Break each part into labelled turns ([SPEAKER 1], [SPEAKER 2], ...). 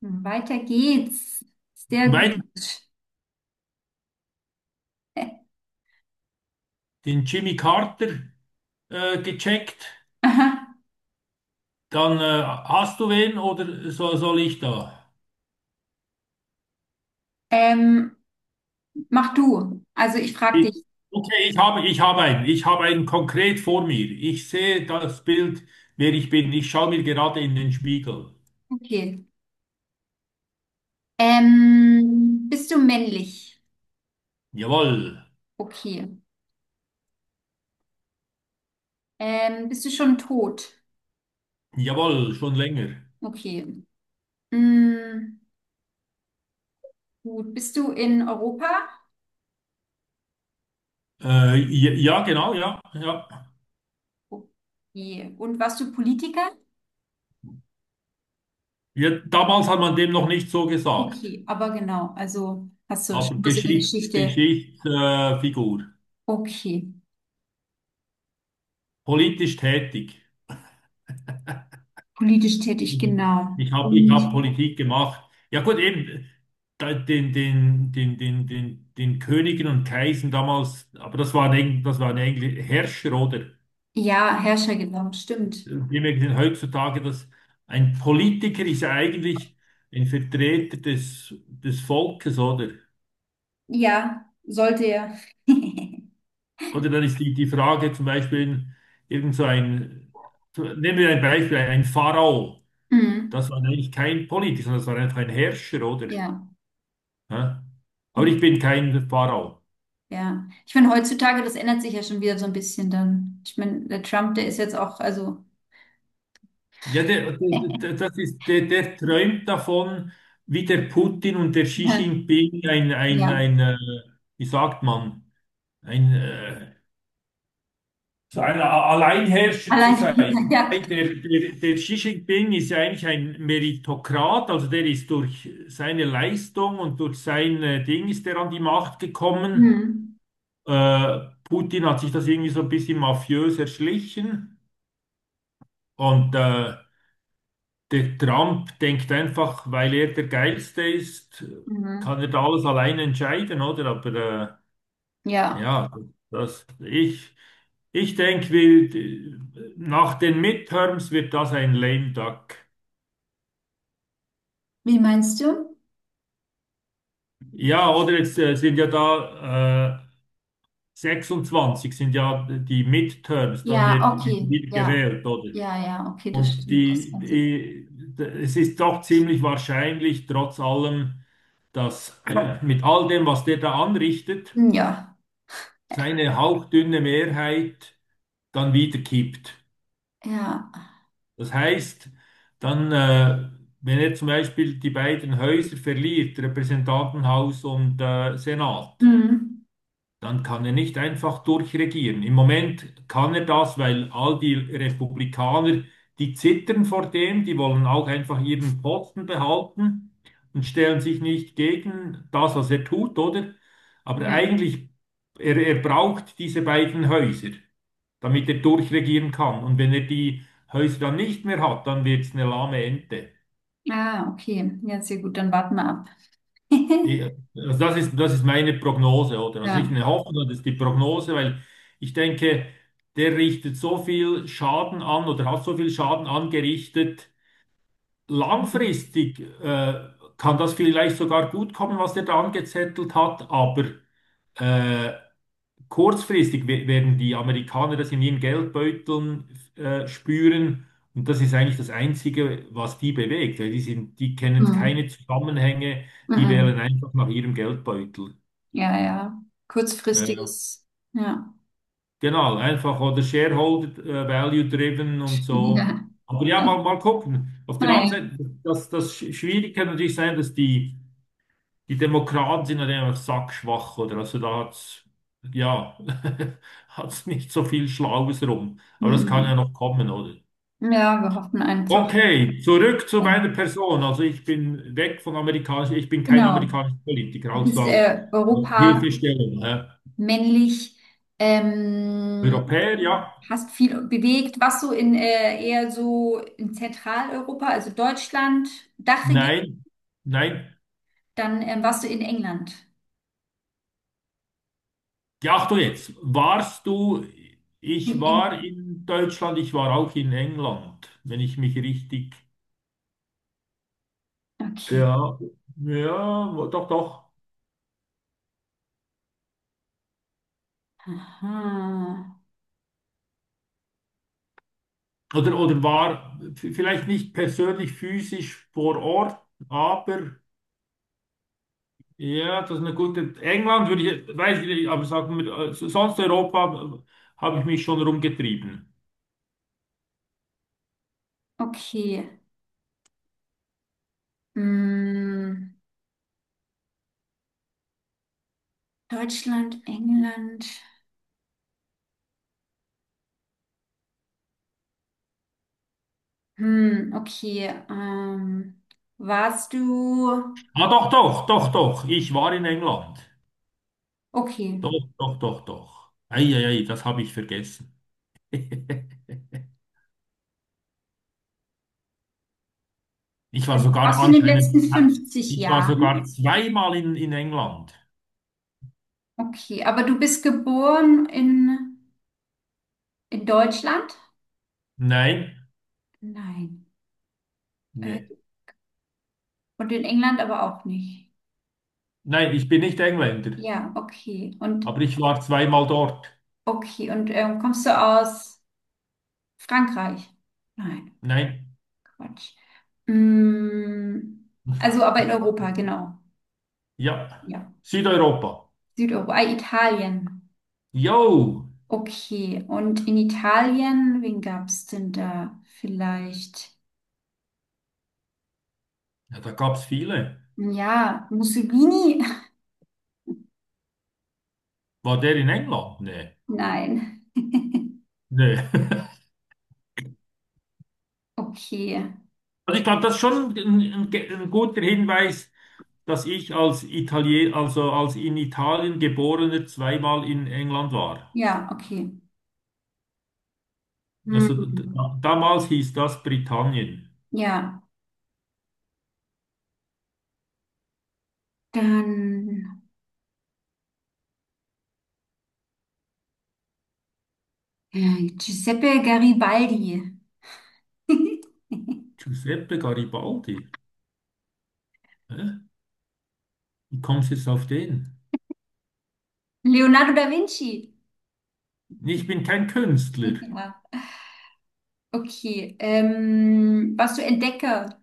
[SPEAKER 1] Mhm. Weiter geht's. Sehr gut.
[SPEAKER 2] Weiter den Jimmy Carter gecheckt.
[SPEAKER 1] Aha.
[SPEAKER 2] Dann hast du wen oder so, soll ich da?
[SPEAKER 1] Ähm, Mach du. Also ich frage
[SPEAKER 2] Ich,
[SPEAKER 1] dich.
[SPEAKER 2] okay, ich habe einen. Ich habe einen konkret vor mir. Ich sehe das Bild, wer ich bin. Ich schaue mir gerade in den Spiegel.
[SPEAKER 1] Okay. Bist du männlich?
[SPEAKER 2] Jawohl,
[SPEAKER 1] Okay. Bist du schon tot?
[SPEAKER 2] jawohl, schon länger.
[SPEAKER 1] Okay. Mm, gut. Bist du in Europa?
[SPEAKER 2] Ja, ja, genau, ja, ja.
[SPEAKER 1] Okay. Und warst du Politiker?
[SPEAKER 2] Ja, damals hat man dem noch nicht so gesagt,
[SPEAKER 1] Okay, aber genau. Also hast du
[SPEAKER 2] aber
[SPEAKER 1] schon was in der Geschichte.
[SPEAKER 2] Geschichtsfigur, Figur.
[SPEAKER 1] Okay.
[SPEAKER 2] Politisch tätig.
[SPEAKER 1] Politisch tätig,
[SPEAKER 2] Ich,
[SPEAKER 1] genau.
[SPEAKER 2] ich habe ich hab
[SPEAKER 1] Und
[SPEAKER 2] Politik gemacht. Ja gut, eben den Königen und Kaisern damals, aber das waren eigentlich Herrscher, oder?
[SPEAKER 1] ja, Herrscher, genau. Stimmt.
[SPEAKER 2] Wir merken heutzutage, dass ein Politiker ist ja eigentlich ein Vertreter des Volkes, oder?
[SPEAKER 1] Ja, sollte ja.
[SPEAKER 2] Oder dann ist die Frage zum Beispiel, irgend so ein, so- nehmen wir ein Beispiel, ein Pharao.
[SPEAKER 1] Mhm.
[SPEAKER 2] Das war eigentlich kein Politiker, sondern das war einfach ein Herrscher, oder?
[SPEAKER 1] Ja,
[SPEAKER 2] Ja.
[SPEAKER 1] gut,
[SPEAKER 2] Aber ich bin kein Pharao.
[SPEAKER 1] ja. Ich meine, heutzutage, das ändert sich ja schon wieder so ein bisschen dann. Ich meine, der Trump, der ist jetzt auch, also,
[SPEAKER 2] Ja, das ist, der träumt davon, wie der Putin und der Xi Jinping
[SPEAKER 1] ja,
[SPEAKER 2] wie sagt man, ein, äh, so ein Alleinherrscher zu
[SPEAKER 1] allein,
[SPEAKER 2] sein.
[SPEAKER 1] ja.
[SPEAKER 2] Hey, der Xi Jinping ist ja eigentlich ein Meritokrat, also der ist durch seine Leistung und durch sein Ding ist er an die Macht gekommen.
[SPEAKER 1] Mhm.
[SPEAKER 2] Äh, Putin hat sich das irgendwie so ein bisschen mafiös erschlichen und der Trump denkt einfach, weil er der Geilste ist,
[SPEAKER 1] Mhm.
[SPEAKER 2] kann er da alles alleine entscheiden, oder? Aber
[SPEAKER 1] Ja,
[SPEAKER 2] ja, das, ich, ich denke, nach den Midterms wird das ein lame duck.
[SPEAKER 1] wie meinst du?
[SPEAKER 2] Ja, oder jetzt sind ja da 26 sind ja die Midterms, dann
[SPEAKER 1] Ja,
[SPEAKER 2] wird
[SPEAKER 1] okay,
[SPEAKER 2] wieder
[SPEAKER 1] ja,
[SPEAKER 2] gewählt, oder?
[SPEAKER 1] ja, ja, okay, das
[SPEAKER 2] Und
[SPEAKER 1] stimmt, das Ganze.
[SPEAKER 2] es ist doch ziemlich wahrscheinlich, trotz allem, dass mit all dem, was der da anrichtet,
[SPEAKER 1] Ja,
[SPEAKER 2] seine hauchdünne Mehrheit dann wieder kippt.
[SPEAKER 1] ja,
[SPEAKER 2] Das heißt, dann, äh, wenn er zum Beispiel die beiden Häuser verliert, Repräsentantenhaus und Senat,
[SPEAKER 1] mhm.
[SPEAKER 2] dann kann er nicht einfach durchregieren. Im Moment kann er das, weil all die Republikaner, die zittern vor dem, die wollen auch einfach ihren Posten behalten und stellen sich nicht gegen das, was er tut, oder? Aber
[SPEAKER 1] Ja,
[SPEAKER 2] eigentlich, er braucht diese beiden Häuser, damit er durchregieren kann. Und wenn er die Häuser dann nicht mehr hat, dann wird es eine lahme Ente.
[SPEAKER 1] ah, okay, ja, sehr gut, dann warten wir ab.
[SPEAKER 2] Die, also das ist meine Prognose, oder? Also nicht
[SPEAKER 1] Ja.
[SPEAKER 2] eine Hoffnung, sondern das ist die Prognose, weil ich denke, der richtet so viel Schaden an oder hat so viel Schaden angerichtet.
[SPEAKER 1] Mhm.
[SPEAKER 2] Langfristig, kann das vielleicht sogar gut kommen, was der da angezettelt hat, aber äh, kurzfristig werden die Amerikaner das in ihren Geldbeuteln spüren. Und das ist eigentlich das Einzige, was die bewegt. Weil die kennen
[SPEAKER 1] Mhm.
[SPEAKER 2] keine Zusammenhänge, die wählen
[SPEAKER 1] Mhm.
[SPEAKER 2] einfach nach ihrem Geldbeutel.
[SPEAKER 1] Ja, ja.
[SPEAKER 2] Äh,
[SPEAKER 1] Kurzfristiges. Ja.
[SPEAKER 2] genau, einfach oder Shareholder Value driven und
[SPEAKER 1] Ja.
[SPEAKER 2] so. Aber
[SPEAKER 1] Ah,
[SPEAKER 2] ja,
[SPEAKER 1] ja.
[SPEAKER 2] mal gucken. Auf der anderen
[SPEAKER 1] Naja.
[SPEAKER 2] Seite, das Schwierige kann natürlich sein, dass die die Demokraten sind halt einfach sackschwach, oder? Also da hat's, ja, hat's nicht so viel Schlaues rum. Aber das kann
[SPEAKER 1] Mhm.
[SPEAKER 2] ja noch kommen, oder?
[SPEAKER 1] Ja, wir hoffen einfach.
[SPEAKER 2] Okay, zurück zu
[SPEAKER 1] äh,
[SPEAKER 2] meiner Person. Also ich bin weg von amerikanisch, ich bin kein
[SPEAKER 1] Genau.
[SPEAKER 2] amerikanischer Politiker,
[SPEAKER 1] Du
[SPEAKER 2] also
[SPEAKER 1] bist
[SPEAKER 2] auf
[SPEAKER 1] Europa,
[SPEAKER 2] Hilfestellung.
[SPEAKER 1] männlich, ähm,
[SPEAKER 2] Europäer, ja.
[SPEAKER 1] hast viel bewegt. Warst du in eher so in Zentraleuropa, also Deutschland, Dachregion,
[SPEAKER 2] Nein, nein.
[SPEAKER 1] dann warst du in England.
[SPEAKER 2] Ja, ach du jetzt, ich
[SPEAKER 1] In
[SPEAKER 2] war
[SPEAKER 1] England.
[SPEAKER 2] in Deutschland, ich war auch in England, wenn ich mich richtig,
[SPEAKER 1] Okay.
[SPEAKER 2] ja, ja, doch, doch.
[SPEAKER 1] Aha.
[SPEAKER 2] Oder war vielleicht nicht persönlich physisch vor Ort, aber ja, das ist eine gute. England würde ich, weiß ich nicht, aber sagen wir, so, sonst Europa habe ich mich schon rumgetrieben.
[SPEAKER 1] Okay. Mm, Deutschland, England. Hm, okay. Warst du,
[SPEAKER 2] Ah, doch, doch, doch, doch, ich war in England.
[SPEAKER 1] okay,
[SPEAKER 2] Doch, doch, doch, doch. Eieiei, das habe ich vergessen. Ich war sogar
[SPEAKER 1] warst du in den letzten
[SPEAKER 2] anscheinend,
[SPEAKER 1] 50
[SPEAKER 2] ich war
[SPEAKER 1] Jahren?
[SPEAKER 2] sogar zweimal in England.
[SPEAKER 1] Okay, aber du bist geboren in Deutschland?
[SPEAKER 2] Nein,
[SPEAKER 1] Nein. Äh,
[SPEAKER 2] nee.
[SPEAKER 1] und in England aber auch nicht.
[SPEAKER 2] Nein, ich bin nicht Engländer,
[SPEAKER 1] Ja, okay.
[SPEAKER 2] aber
[SPEAKER 1] Und
[SPEAKER 2] ich war zweimal dort.
[SPEAKER 1] okay, und kommst du aus Frankreich? Nein,
[SPEAKER 2] Nein.
[SPEAKER 1] Quatsch. Hm, also aber in Europa, genau.
[SPEAKER 2] Ja,
[SPEAKER 1] Ja.
[SPEAKER 2] Südeuropa.
[SPEAKER 1] Südeuropa, ah, Italien.
[SPEAKER 2] Jo,
[SPEAKER 1] Okay, und in Italien, wen gab es denn da? Vielleicht,
[SPEAKER 2] ja, da gab es viele.
[SPEAKER 1] ja, Mussolini?
[SPEAKER 2] War der in England? Nee.
[SPEAKER 1] Nein.
[SPEAKER 2] Nee.
[SPEAKER 1] Okay,
[SPEAKER 2] Also ich glaube, das ist schon ein guter Hinweis, dass ich als Italiener, also als in Italien geborener zweimal in England war.
[SPEAKER 1] ja, okay.
[SPEAKER 2] Also
[SPEAKER 1] Hm.
[SPEAKER 2] damals hieß das Britannien.
[SPEAKER 1] Ja, dann Giuseppe Garibaldi.
[SPEAKER 2] Giuseppe Garibaldi. Hä? Wie kommst du jetzt auf den?
[SPEAKER 1] Leonardo da Vinci.
[SPEAKER 2] Nee, ich bin kein Künstler.
[SPEAKER 1] Ja, okay. Warst du Entdecker?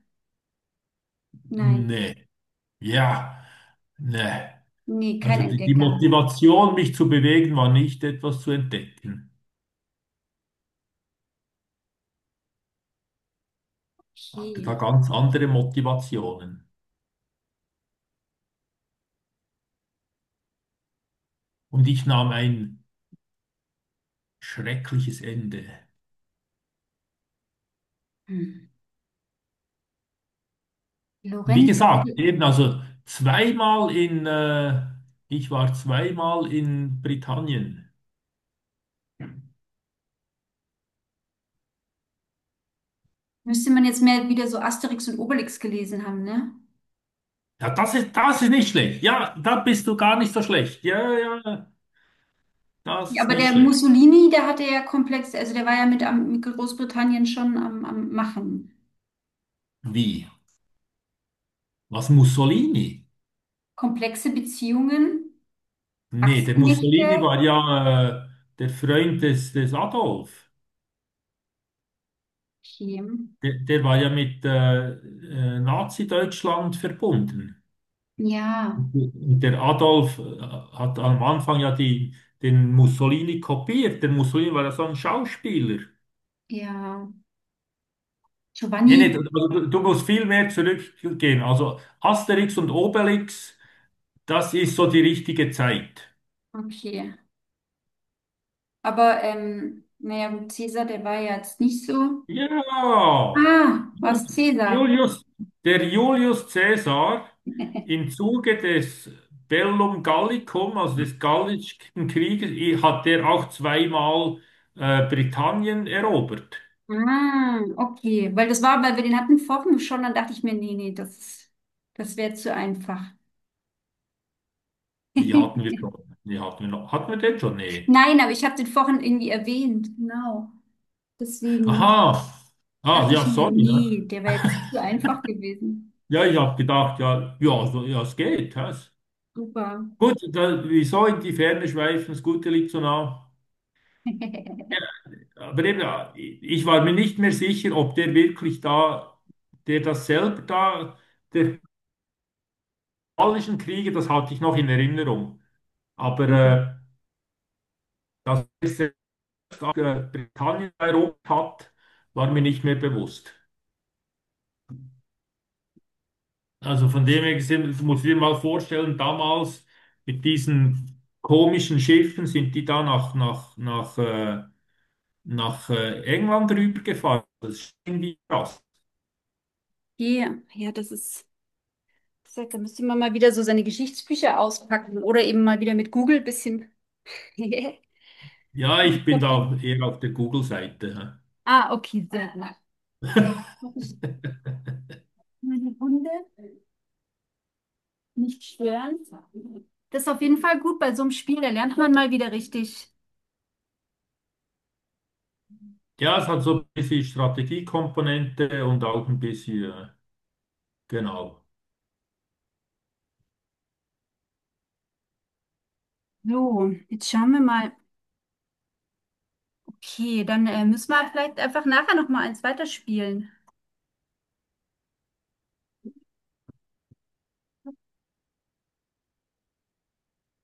[SPEAKER 1] Nein,
[SPEAKER 2] Nee. Ja. Nee.
[SPEAKER 1] nee, kein
[SPEAKER 2] Also die
[SPEAKER 1] Entdecker.
[SPEAKER 2] Motivation, mich zu bewegen, war nicht etwas zu entdecken. Hatte da
[SPEAKER 1] Okay.
[SPEAKER 2] ganz andere Motivationen. Und ich nahm ein schreckliches Ende.
[SPEAKER 1] Hm.
[SPEAKER 2] Und wie
[SPEAKER 1] Lorenz,
[SPEAKER 2] gesagt, eben also ich war zweimal in Britannien.
[SPEAKER 1] müsste man jetzt mehr wieder so Asterix und Obelix gelesen haben, ne?
[SPEAKER 2] Ja, das ist nicht schlecht. Ja, da bist du gar nicht so schlecht. Ja, ja, ja, das
[SPEAKER 1] Ja,
[SPEAKER 2] ist
[SPEAKER 1] aber
[SPEAKER 2] nicht
[SPEAKER 1] der
[SPEAKER 2] schlecht.
[SPEAKER 1] Mussolini, der hatte ja komplexe, also der war ja mit, am, mit Großbritannien schon am, am Machen.
[SPEAKER 2] Wie? Was Mussolini?
[SPEAKER 1] Komplexe Beziehungen,
[SPEAKER 2] Nee, der Mussolini
[SPEAKER 1] Achsenmächte.
[SPEAKER 2] war ja, der Freund des Adolf.
[SPEAKER 1] Okay.
[SPEAKER 2] Der war ja mit Nazi-Deutschland verbunden.
[SPEAKER 1] Ja,
[SPEAKER 2] Und der Adolf hat am Anfang ja den Mussolini kopiert. Der Mussolini war ja so ein Schauspieler.
[SPEAKER 1] ja.
[SPEAKER 2] Nee, nee, also
[SPEAKER 1] Giovanni.
[SPEAKER 2] du musst viel mehr zurückgehen. Also Asterix und Obelix, das ist so die richtige Zeit.
[SPEAKER 1] Okay. Aber, naja, gut, Cäsar, der war ja jetzt nicht so.
[SPEAKER 2] Ja,
[SPEAKER 1] Ah, was Cäsar?
[SPEAKER 2] Julius, der Julius Caesar im Zuge des Bellum Gallicum, also des Gallischen Krieges, hat der auch zweimal Britannien erobert.
[SPEAKER 1] Ah, okay. Weil das war, weil wir den hatten vorhin schon, dann dachte ich mir, nee, nee, das, das wäre zu einfach.
[SPEAKER 2] Wie hatten wir schon? Wie hatten wir noch? Hatten wir den schon? Nee.
[SPEAKER 1] Nein, aber ich habe den vorhin irgendwie erwähnt. Genau. Deswegen
[SPEAKER 2] Aha. Ah,
[SPEAKER 1] dachte ich
[SPEAKER 2] ja,
[SPEAKER 1] mir,
[SPEAKER 2] sorry.
[SPEAKER 1] nee,
[SPEAKER 2] Ne?
[SPEAKER 1] der wäre jetzt zu einfach gewesen.
[SPEAKER 2] Ja, ich habe gedacht, ja, ja, so, ja, es geht. Das.
[SPEAKER 1] Super.
[SPEAKER 2] Gut, da, wieso in die Ferne schweifen? Das Gute liegt so nah. Ja, aber eben, ja ich war mir nicht mehr sicher, ob der wirklich da, der das selber da, der Gallischen Kriege, das hatte ich noch in Erinnerung. Aber
[SPEAKER 1] Okay.
[SPEAKER 2] dass er selbst auch, Britannien erobert hat, war mir nicht mehr bewusst. Also von dem her gesehen, du musst dir mal vorstellen, damals mit diesen komischen Schiffen sind die da nach England rübergefahren. Das ist irgendwie krass.
[SPEAKER 1] Ja, das ist, wie gesagt, da müsste man mal wieder so seine Geschichtsbücher auspacken oder eben mal wieder mit Google ein bisschen
[SPEAKER 2] Ja, ich bin da
[SPEAKER 1] verbringen.
[SPEAKER 2] eher auf der Google-Seite. Hä?
[SPEAKER 1] Ah, okay, sehr gut. Jetzt muss ich meine Hunde nicht stören. Das ist auf jeden Fall gut bei so einem Spiel, da lernt man mal wieder richtig.
[SPEAKER 2] Ja, es hat so ein bisschen Strategiekomponente und auch ein bisschen, genau.
[SPEAKER 1] So, jetzt schauen wir mal. Okay, dann müssen wir vielleicht einfach nachher nochmal eins weiterspielen.